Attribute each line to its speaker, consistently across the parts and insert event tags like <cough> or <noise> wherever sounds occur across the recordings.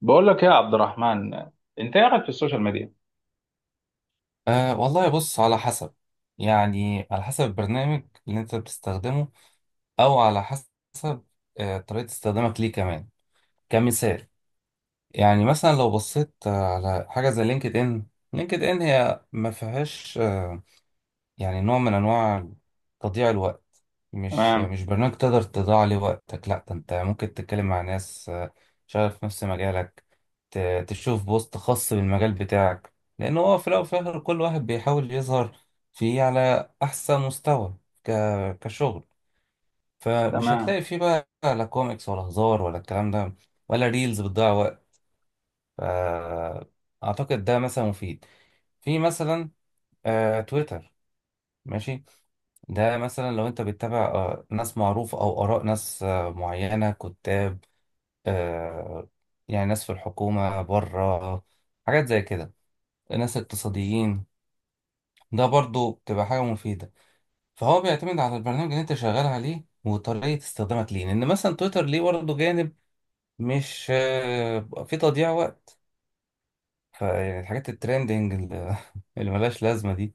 Speaker 1: بقول لك ايه يا عبد الرحمن. انت ايه رايك في السوشيال ميديا؟
Speaker 2: أه، والله بص، على حسب. يعني على حسب البرنامج اللي انت بتستخدمه، او على حسب طريقة استخدامك ليه كمان، كمثال. يعني مثلا لو بصيت على حاجة زي لينكد ان، لينكد ان هي ما فيهاش يعني نوع من انواع تضييع الوقت. مش
Speaker 1: تمام.
Speaker 2: مش برنامج تقدر تضيع عليه وقتك، لا ده انت ممكن تتكلم مع ناس شغالة في نفس مجالك، تشوف بوست خاص بالمجال بتاعك، لان هو في الاول وفي الاخر كل واحد بيحاول يظهر فيه على احسن مستوى، ك... كشغل. فمش
Speaker 1: تمام.
Speaker 2: هتلاقي فيه بقى لا كوميكس ولا هزار ولا الكلام ده، ولا ريلز بتضيع وقت. ف- اعتقد ده مثلا مفيد، في مثلا تويتر، ماشي. ده مثلا لو انت بتتابع ناس معروفة او اراء ناس معينة، كتاب، آه، يعني ناس في الحكومة بره، حاجات زي كده، ناس اقتصاديين، ده برضو بتبقى حاجة مفيدة. فهو بيعتمد على البرنامج اللي انت شغال عليه وطريقة استخدامك ليه، لان مثلا تويتر ليه برضه جانب مش في تضييع وقت، فيعني الحاجات الترندنج اللي <laughs> اللي ملهاش لازمة دي،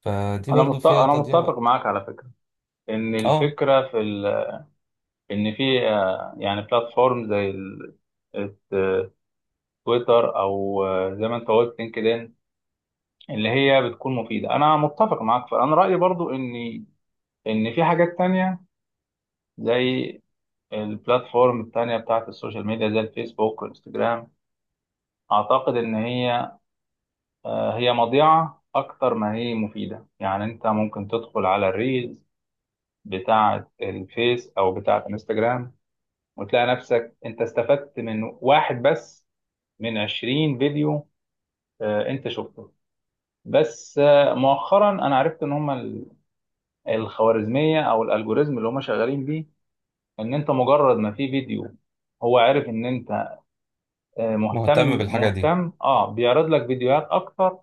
Speaker 2: فدي
Speaker 1: انا
Speaker 2: برضو
Speaker 1: مت...
Speaker 2: فيها
Speaker 1: انا
Speaker 2: تضييع
Speaker 1: متفق
Speaker 2: وقت.
Speaker 1: معاك على فكره، ان
Speaker 2: اه،
Speaker 1: الفكره في ال... ان في يعني بلاتفورم زي الت- تويتر او زي ما انت قلت لينكدين، اللي هي بتكون مفيده. انا متفق معاك، فانا رايي برضو ان في حاجات تانية زي البلاتفورم التانية بتاعت السوشيال ميديا زي الفيسبوك والانستجرام. اعتقد ان هي، هي مضيعة أكتر ما هي مفيدة. يعني أنت ممكن تدخل على الريلز بتاعة الفيس أو بتاعة انستجرام وتلاقي نفسك أنت استفدت من واحد بس من 20 فيديو أنت شفته. بس مؤخرا أنا عرفت إن هما الخوارزمية أو الألجوريزم اللي هما شغالين بيه، إن أنت مجرد ما في فيديو هو عارف إن أنت مهتم
Speaker 2: مهتم بالحاجة دي،
Speaker 1: مهتم بيعرض لك فيديوهات أكتر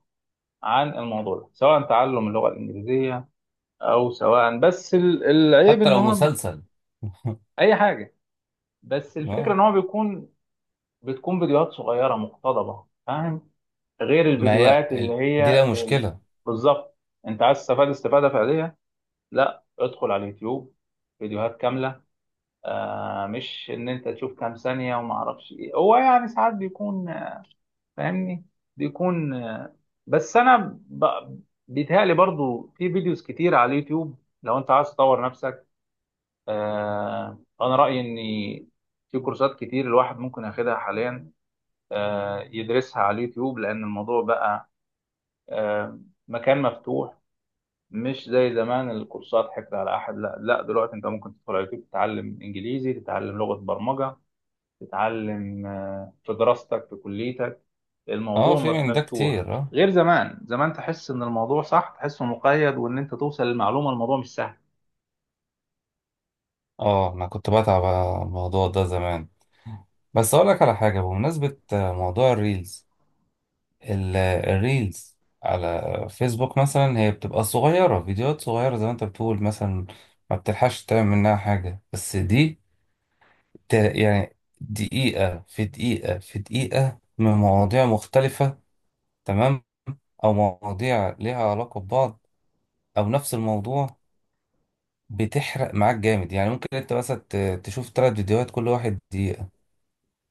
Speaker 1: عن الموضوع ده، سواء تعلم اللغة الإنجليزية او سواء بس العيب
Speaker 2: حتى
Speaker 1: ان
Speaker 2: لو
Speaker 1: هو
Speaker 2: مسلسل. <laughs>
Speaker 1: اي حاجه. بس الفكره
Speaker 2: اه،
Speaker 1: ان هو بتكون فيديوهات صغيره مقتضبه، فاهم؟ غير
Speaker 2: ما هي
Speaker 1: الفيديوهات اللي
Speaker 2: دي لها
Speaker 1: هي
Speaker 2: مشكلة.
Speaker 1: بالظبط. انت عايز تستفاد استفاده فعليه، لا ادخل على اليوتيوب فيديوهات كامله. آه، مش ان انت تشوف كام ثانيه وما اعرفش ايه. هو يعني ساعات بيكون، فاهمني، بيكون بس انا ب... بيتهيألي برضو في فيديوز كتير على اليوتيوب لو انت عايز تطور نفسك. أنا رأيي إن في كورسات كتير الواحد ممكن ياخدها حاليا، يدرسها على اليوتيوب، لأن الموضوع بقى آه، مكان مفتوح، مش زي زمان الكورسات حكر على أحد. لا لا، دلوقتي أنت ممكن تدخل على اليوتيوب تتعلم إنجليزي، تتعلم لغة برمجة، تتعلم في دراستك في كليتك.
Speaker 2: اه،
Speaker 1: الموضوع
Speaker 2: في من ده
Speaker 1: مفتوح،
Speaker 2: كتير، اه.
Speaker 1: غير زمان. زمان تحس إن الموضوع صح، تحسه مقيد، وإن أنت توصل للمعلومة الموضوع مش سهل.
Speaker 2: اه، انا كنت بتعب على الموضوع ده زمان. بس اقول لك على حاجة، بمناسبة موضوع الريلز، الريلز على فيسبوك مثلا هي بتبقى صغيرة، فيديوهات صغيرة زي ما انت بتقول مثلا، ما بتلحقش تعمل منها حاجة. بس دي يعني دقيقة في دقيقة في دقيقة من مواضيع مختلفة، تمام، او مواضيع ليها علاقة ببعض، او نفس الموضوع، بتحرق معاك جامد. يعني ممكن انت بس تشوف ثلاث فيديوهات كل واحد دقيقة،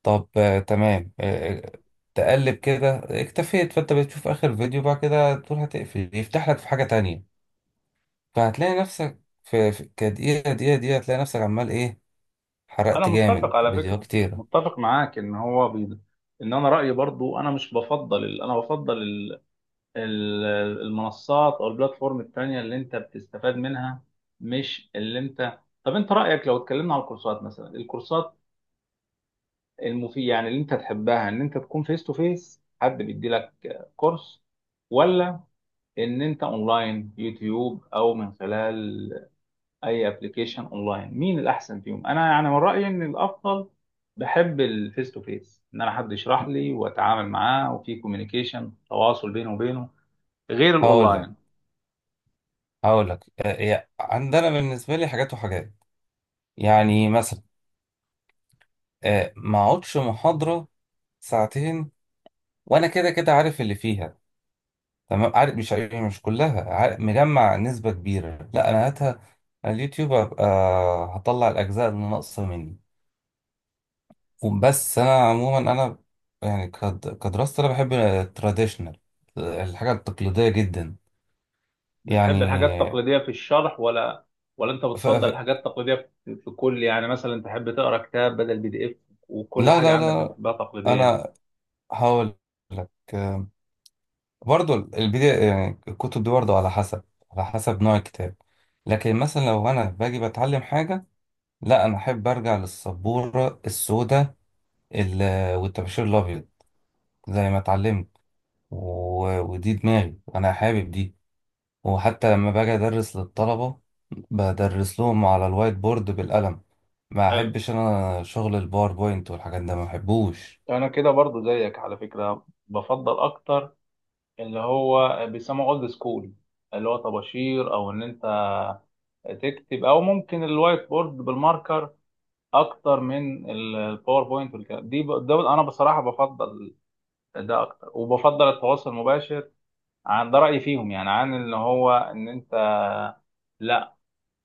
Speaker 2: طب تمام، تقلب كده اكتفيت، فانت بتشوف اخر فيديو، بعد كده تقول هتقفل، يفتح لك في حاجة تانية، فهتلاقي نفسك في كدقيقة دقيقة دقيقة، هتلاقي نفسك عمال ايه،
Speaker 1: انا
Speaker 2: حرقت جامد
Speaker 1: متفق على
Speaker 2: فيديوهات
Speaker 1: فكره،
Speaker 2: كتيرة.
Speaker 1: متفق معاك ان انا رايي برضو انا مش بفضل انا بفضل ال... المنصات او البلاتفورم التانية اللي انت بتستفاد منها، مش اللي انت. طب انت رايك لو اتكلمنا على الكورسات، مثلا الكورسات المفيد، يعني اللي انت تحبها، ان انت تكون فيس تو فيس حد بيدي لك كورس، ولا ان انت اونلاين يوتيوب او من خلال اي ابلكيشن اونلاين؟ مين الاحسن فيهم؟ انا يعني من رايي ان الافضل، بحب الفيس تو فيس ان انا حد يشرح لي واتعامل معاه، وفي كوميونيكيشن تواصل بينه وبينه، غير
Speaker 2: هقول لك
Speaker 1: الاونلاين.
Speaker 2: هقول لك عندنا بالنسبة لي حاجات وحاجات. يعني مثلا ما اقعدش محاضرة ساعتين وانا كده كده عارف اللي فيها، تمام، عارف مش عارف، يعني مش كلها، عارف مجمع نسبة كبيرة، لا أنا هاتها على اليوتيوب، هبقى هطلع الأجزاء اللي ناقصة مني. بس أنا عموما أنا يعني كدراسة أنا بحب التراديشنال، الحاجة التقليدية جدا
Speaker 1: بتحب الحاجات
Speaker 2: يعني.
Speaker 1: التقليديه في الشرح، ولا ولا انت
Speaker 2: ف...
Speaker 1: بتفضل
Speaker 2: ف...
Speaker 1: الحاجات التقليديه في في كل، يعني مثلا تحب تقرا كتاب بدل بي دي اف، وكل
Speaker 2: لا
Speaker 1: حاجه
Speaker 2: لا
Speaker 1: عندك
Speaker 2: لا،
Speaker 1: بتحبها تقليديه؟
Speaker 2: أنا هقول لك برضو البداية، يعني الكتب دي برضو على حسب نوع الكتاب. لكن مثلا لو أنا باجي بتعلم حاجة، لا أنا أحب أرجع للسبورة السوداء والطباشير الابيض زي ما اتعلمت، ودي دماغي انا حابب دي، وحتى لما باجي ادرس للطلبه بدرس لهم على الوايت بورد بالقلم، ما
Speaker 1: حلو.
Speaker 2: احبش انا شغل الباوربوينت والحاجات ده، ما بحبوش.
Speaker 1: انا كده برضو زيك على فكره، بفضل اكتر اللي هو بيسموه اولد سكول، اللي هو طباشير، او ان انت تكتب، او ممكن الوايت بورد بالماركر، اكتر من الباوربوينت والكلام دي. ده انا بصراحه بفضل ده اكتر، وبفضل التواصل المباشر عن ده، رايي فيهم، يعني عن اللي هو ان انت، لا،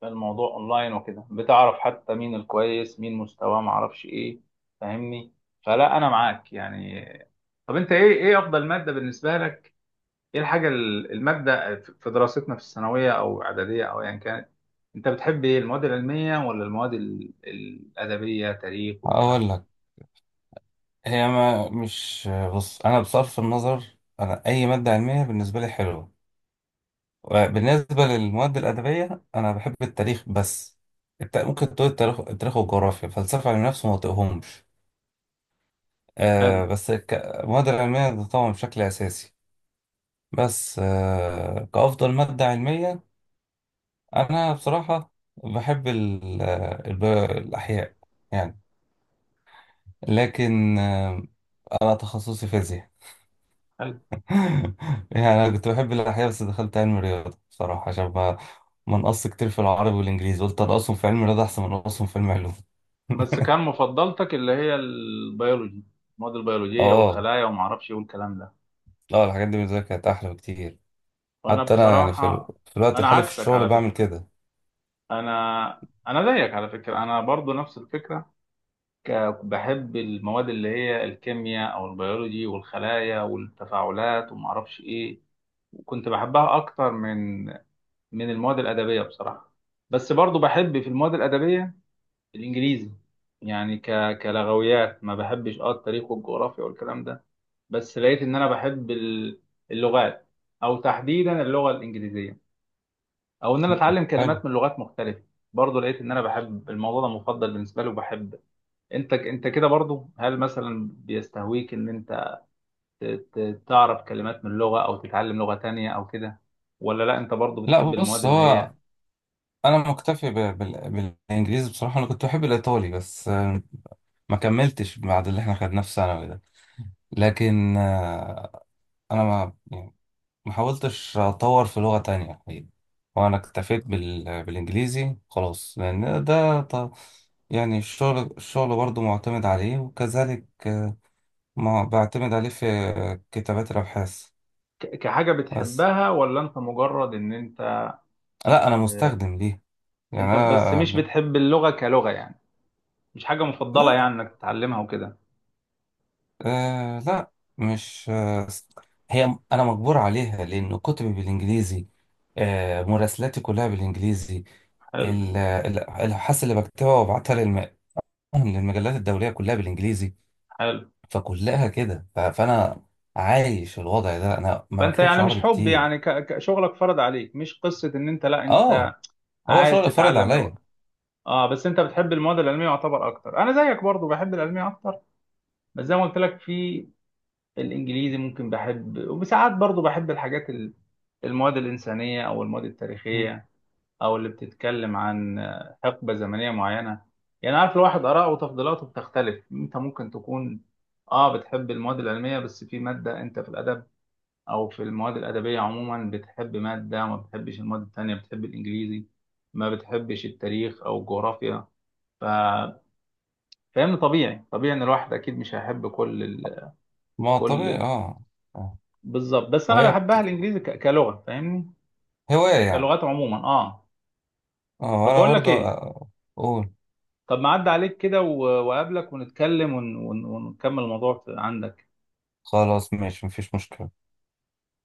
Speaker 1: الموضوع اونلاين وكده بتعرف حتى مين الكويس مين مستواه ما اعرفش ايه، فاهمني؟ فلا انا معاك يعني. طب انت ايه، ايه افضل ماده بالنسبه لك؟ ايه الحاجة المادة في دراستنا في الثانوية او اعدادية او ايا كانت، انت بتحب ايه، المواد العلمية ولا المواد الادبية، تاريخ والكلام
Speaker 2: اقول
Speaker 1: ده؟
Speaker 2: لك، هي ما مش بص، انا بصرف النظر، انا اي ماده علميه بالنسبه لي حلوه. بالنسبه للمواد الادبيه انا بحب التاريخ بس، ممكن تقول التاريخ، التاريخ والجغرافيا، فلسفه، علم نفس، ما طيقهمش.
Speaker 1: حلو.
Speaker 2: بس المواد العلمية ده طبعا بشكل أساسي. بس كأفضل مادة علمية، أنا بصراحة بحب الأحياء يعني، لكن أنا تخصصي فيزياء.
Speaker 1: حلو.
Speaker 2: <laughs> يعني أنا كنت بحب الأحياء، بس دخلت علم الرياضة بصراحة عشان ما نقص كتير في العربي والإنجليزي، قلت أنقصهم في علم الرياضة أحسن من أنقصهم في علم علوم.
Speaker 1: بس
Speaker 2: <laughs>
Speaker 1: كان مفضلتك اللي هي البيولوجي، المواد البيولوجية
Speaker 2: اه
Speaker 1: والخلايا وما اعرفش ايه والكلام ده؟
Speaker 2: لا، الحاجات دي بالنسبه لي كانت احلى بكتير.
Speaker 1: وانا
Speaker 2: حتى انا يعني
Speaker 1: بصراحة،
Speaker 2: في الوقت
Speaker 1: انا
Speaker 2: الحالي في
Speaker 1: عكسك
Speaker 2: الشغل
Speaker 1: على
Speaker 2: بعمل
Speaker 1: فكرة.
Speaker 2: كده.
Speaker 1: انا زيك على فكرة، انا برضو نفس الفكرة. ك- بحب المواد اللي هي الكيمياء او البيولوجي والخلايا والتفاعلات وما اعرفش ايه، كنت بحبها اكتر من المواد الادبيه بصراحه. بس برضو بحب في المواد الادبيه الانجليزي، يعني كلغويات. ما بحبش اه التاريخ والجغرافيا والكلام ده. بس لقيت ان انا بحب اللغات، او تحديدا اللغه الانجليزيه، او ان انا اتعلم
Speaker 2: حلو.
Speaker 1: كلمات من لغات مختلفه. برضو لقيت ان انا بحب الموضوع ده، مفضل بالنسبه لي، وبحب. انت كده برضو، هل مثلا بيستهويك ان انت تعرف كلمات من لغة، أو تتعلم لغة تانية أو كده، ولا لا، أنت برضو
Speaker 2: لا
Speaker 1: بتحب المواد
Speaker 2: بص،
Speaker 1: اللي هي
Speaker 2: هو انا مكتفي بالانجليزي بصراحه، انا كنت بحب الايطالي بس ما كملتش بعد اللي احنا خدناه في ثانوي ده، لكن انا ما يعني ما حاولتش اطور في لغه تانية الحقيقة. وانا اكتفيت بالانجليزي خلاص، لان ده يعني الشغل، الشغل برضه معتمد عليه، وكذلك ما بعتمد عليه في كتابات الابحاث.
Speaker 1: كحاجة
Speaker 2: بس
Speaker 1: بتحبها، ولا أنت مجرد إن أنت
Speaker 2: لا، انا
Speaker 1: آه،
Speaker 2: مستخدم ليه
Speaker 1: أنت بس مش
Speaker 2: يعني.
Speaker 1: بتحب اللغة كلغة يعني، مش حاجة مفضلة يعني
Speaker 2: انا
Speaker 1: إنك تتعلمها وكده؟
Speaker 2: لا، مش هي، أنا مجبور عليها لأن كتبي بالإنجليزي، مراسلاتي كلها بالإنجليزي،
Speaker 1: حلو.
Speaker 2: الأبحاث اللي بكتبها وببعتها للمجلات الدولية كلها بالإنجليزي،
Speaker 1: حلو.
Speaker 2: فكلها كده، فأنا عايش الوضع ده، أنا ما
Speaker 1: فأنت
Speaker 2: بكتبش
Speaker 1: يعني مش
Speaker 2: عربي
Speaker 1: حب،
Speaker 2: كتير.
Speaker 1: يعني شغلك فرض عليك، مش قصة إن أنت، لا
Speaker 2: آه،
Speaker 1: أنت
Speaker 2: هو
Speaker 1: عايز
Speaker 2: شغل فرض
Speaker 1: تتعلم
Speaker 2: عليا.
Speaker 1: لغة. اه، بس انت بتحب المواد العلميه يعتبر اكتر. انا زيك برضو، بحب العلميه اكتر. بس زي ما قلت لك في الانجليزي ممكن بحب، وساعات برضو بحب الحاجات، المواد الإنسانية أو المواد
Speaker 2: مم.
Speaker 1: التاريخية، أو اللي بتتكلم عن حقبة زمنية معينة. يعني عارف، الواحد آراءه وتفضيلاته بتختلف. أنت ممكن تكون آه بتحب المواد العلمية، بس في مادة أنت في الأدب أو في المواد الأدبية عموما بتحب مادة، ما بتحبش المواد التانية. بتحب الإنجليزي، ما بتحبش التاريخ أو الجغرافيا. ف... فاهمني؟ طبيعي، طبيعي إن الواحد أكيد مش هيحب كل
Speaker 2: ما هو
Speaker 1: كل
Speaker 2: طبيعي،
Speaker 1: ال...
Speaker 2: آه. آه.
Speaker 1: بالظبط. بس أنا
Speaker 2: وهي
Speaker 1: بحبها الإنجليزي كلغة، فاهمني؟
Speaker 2: هواية يعني.
Speaker 1: كلغات عموما آه. طب
Speaker 2: أنا
Speaker 1: بقول لك
Speaker 2: برضه
Speaker 1: إيه،
Speaker 2: أقول:
Speaker 1: طب ما عدى عليك كده وأقابلك ونتكلم ونكمل الموضوع عندك.
Speaker 2: خلاص، ماشي، مفيش مشكلة.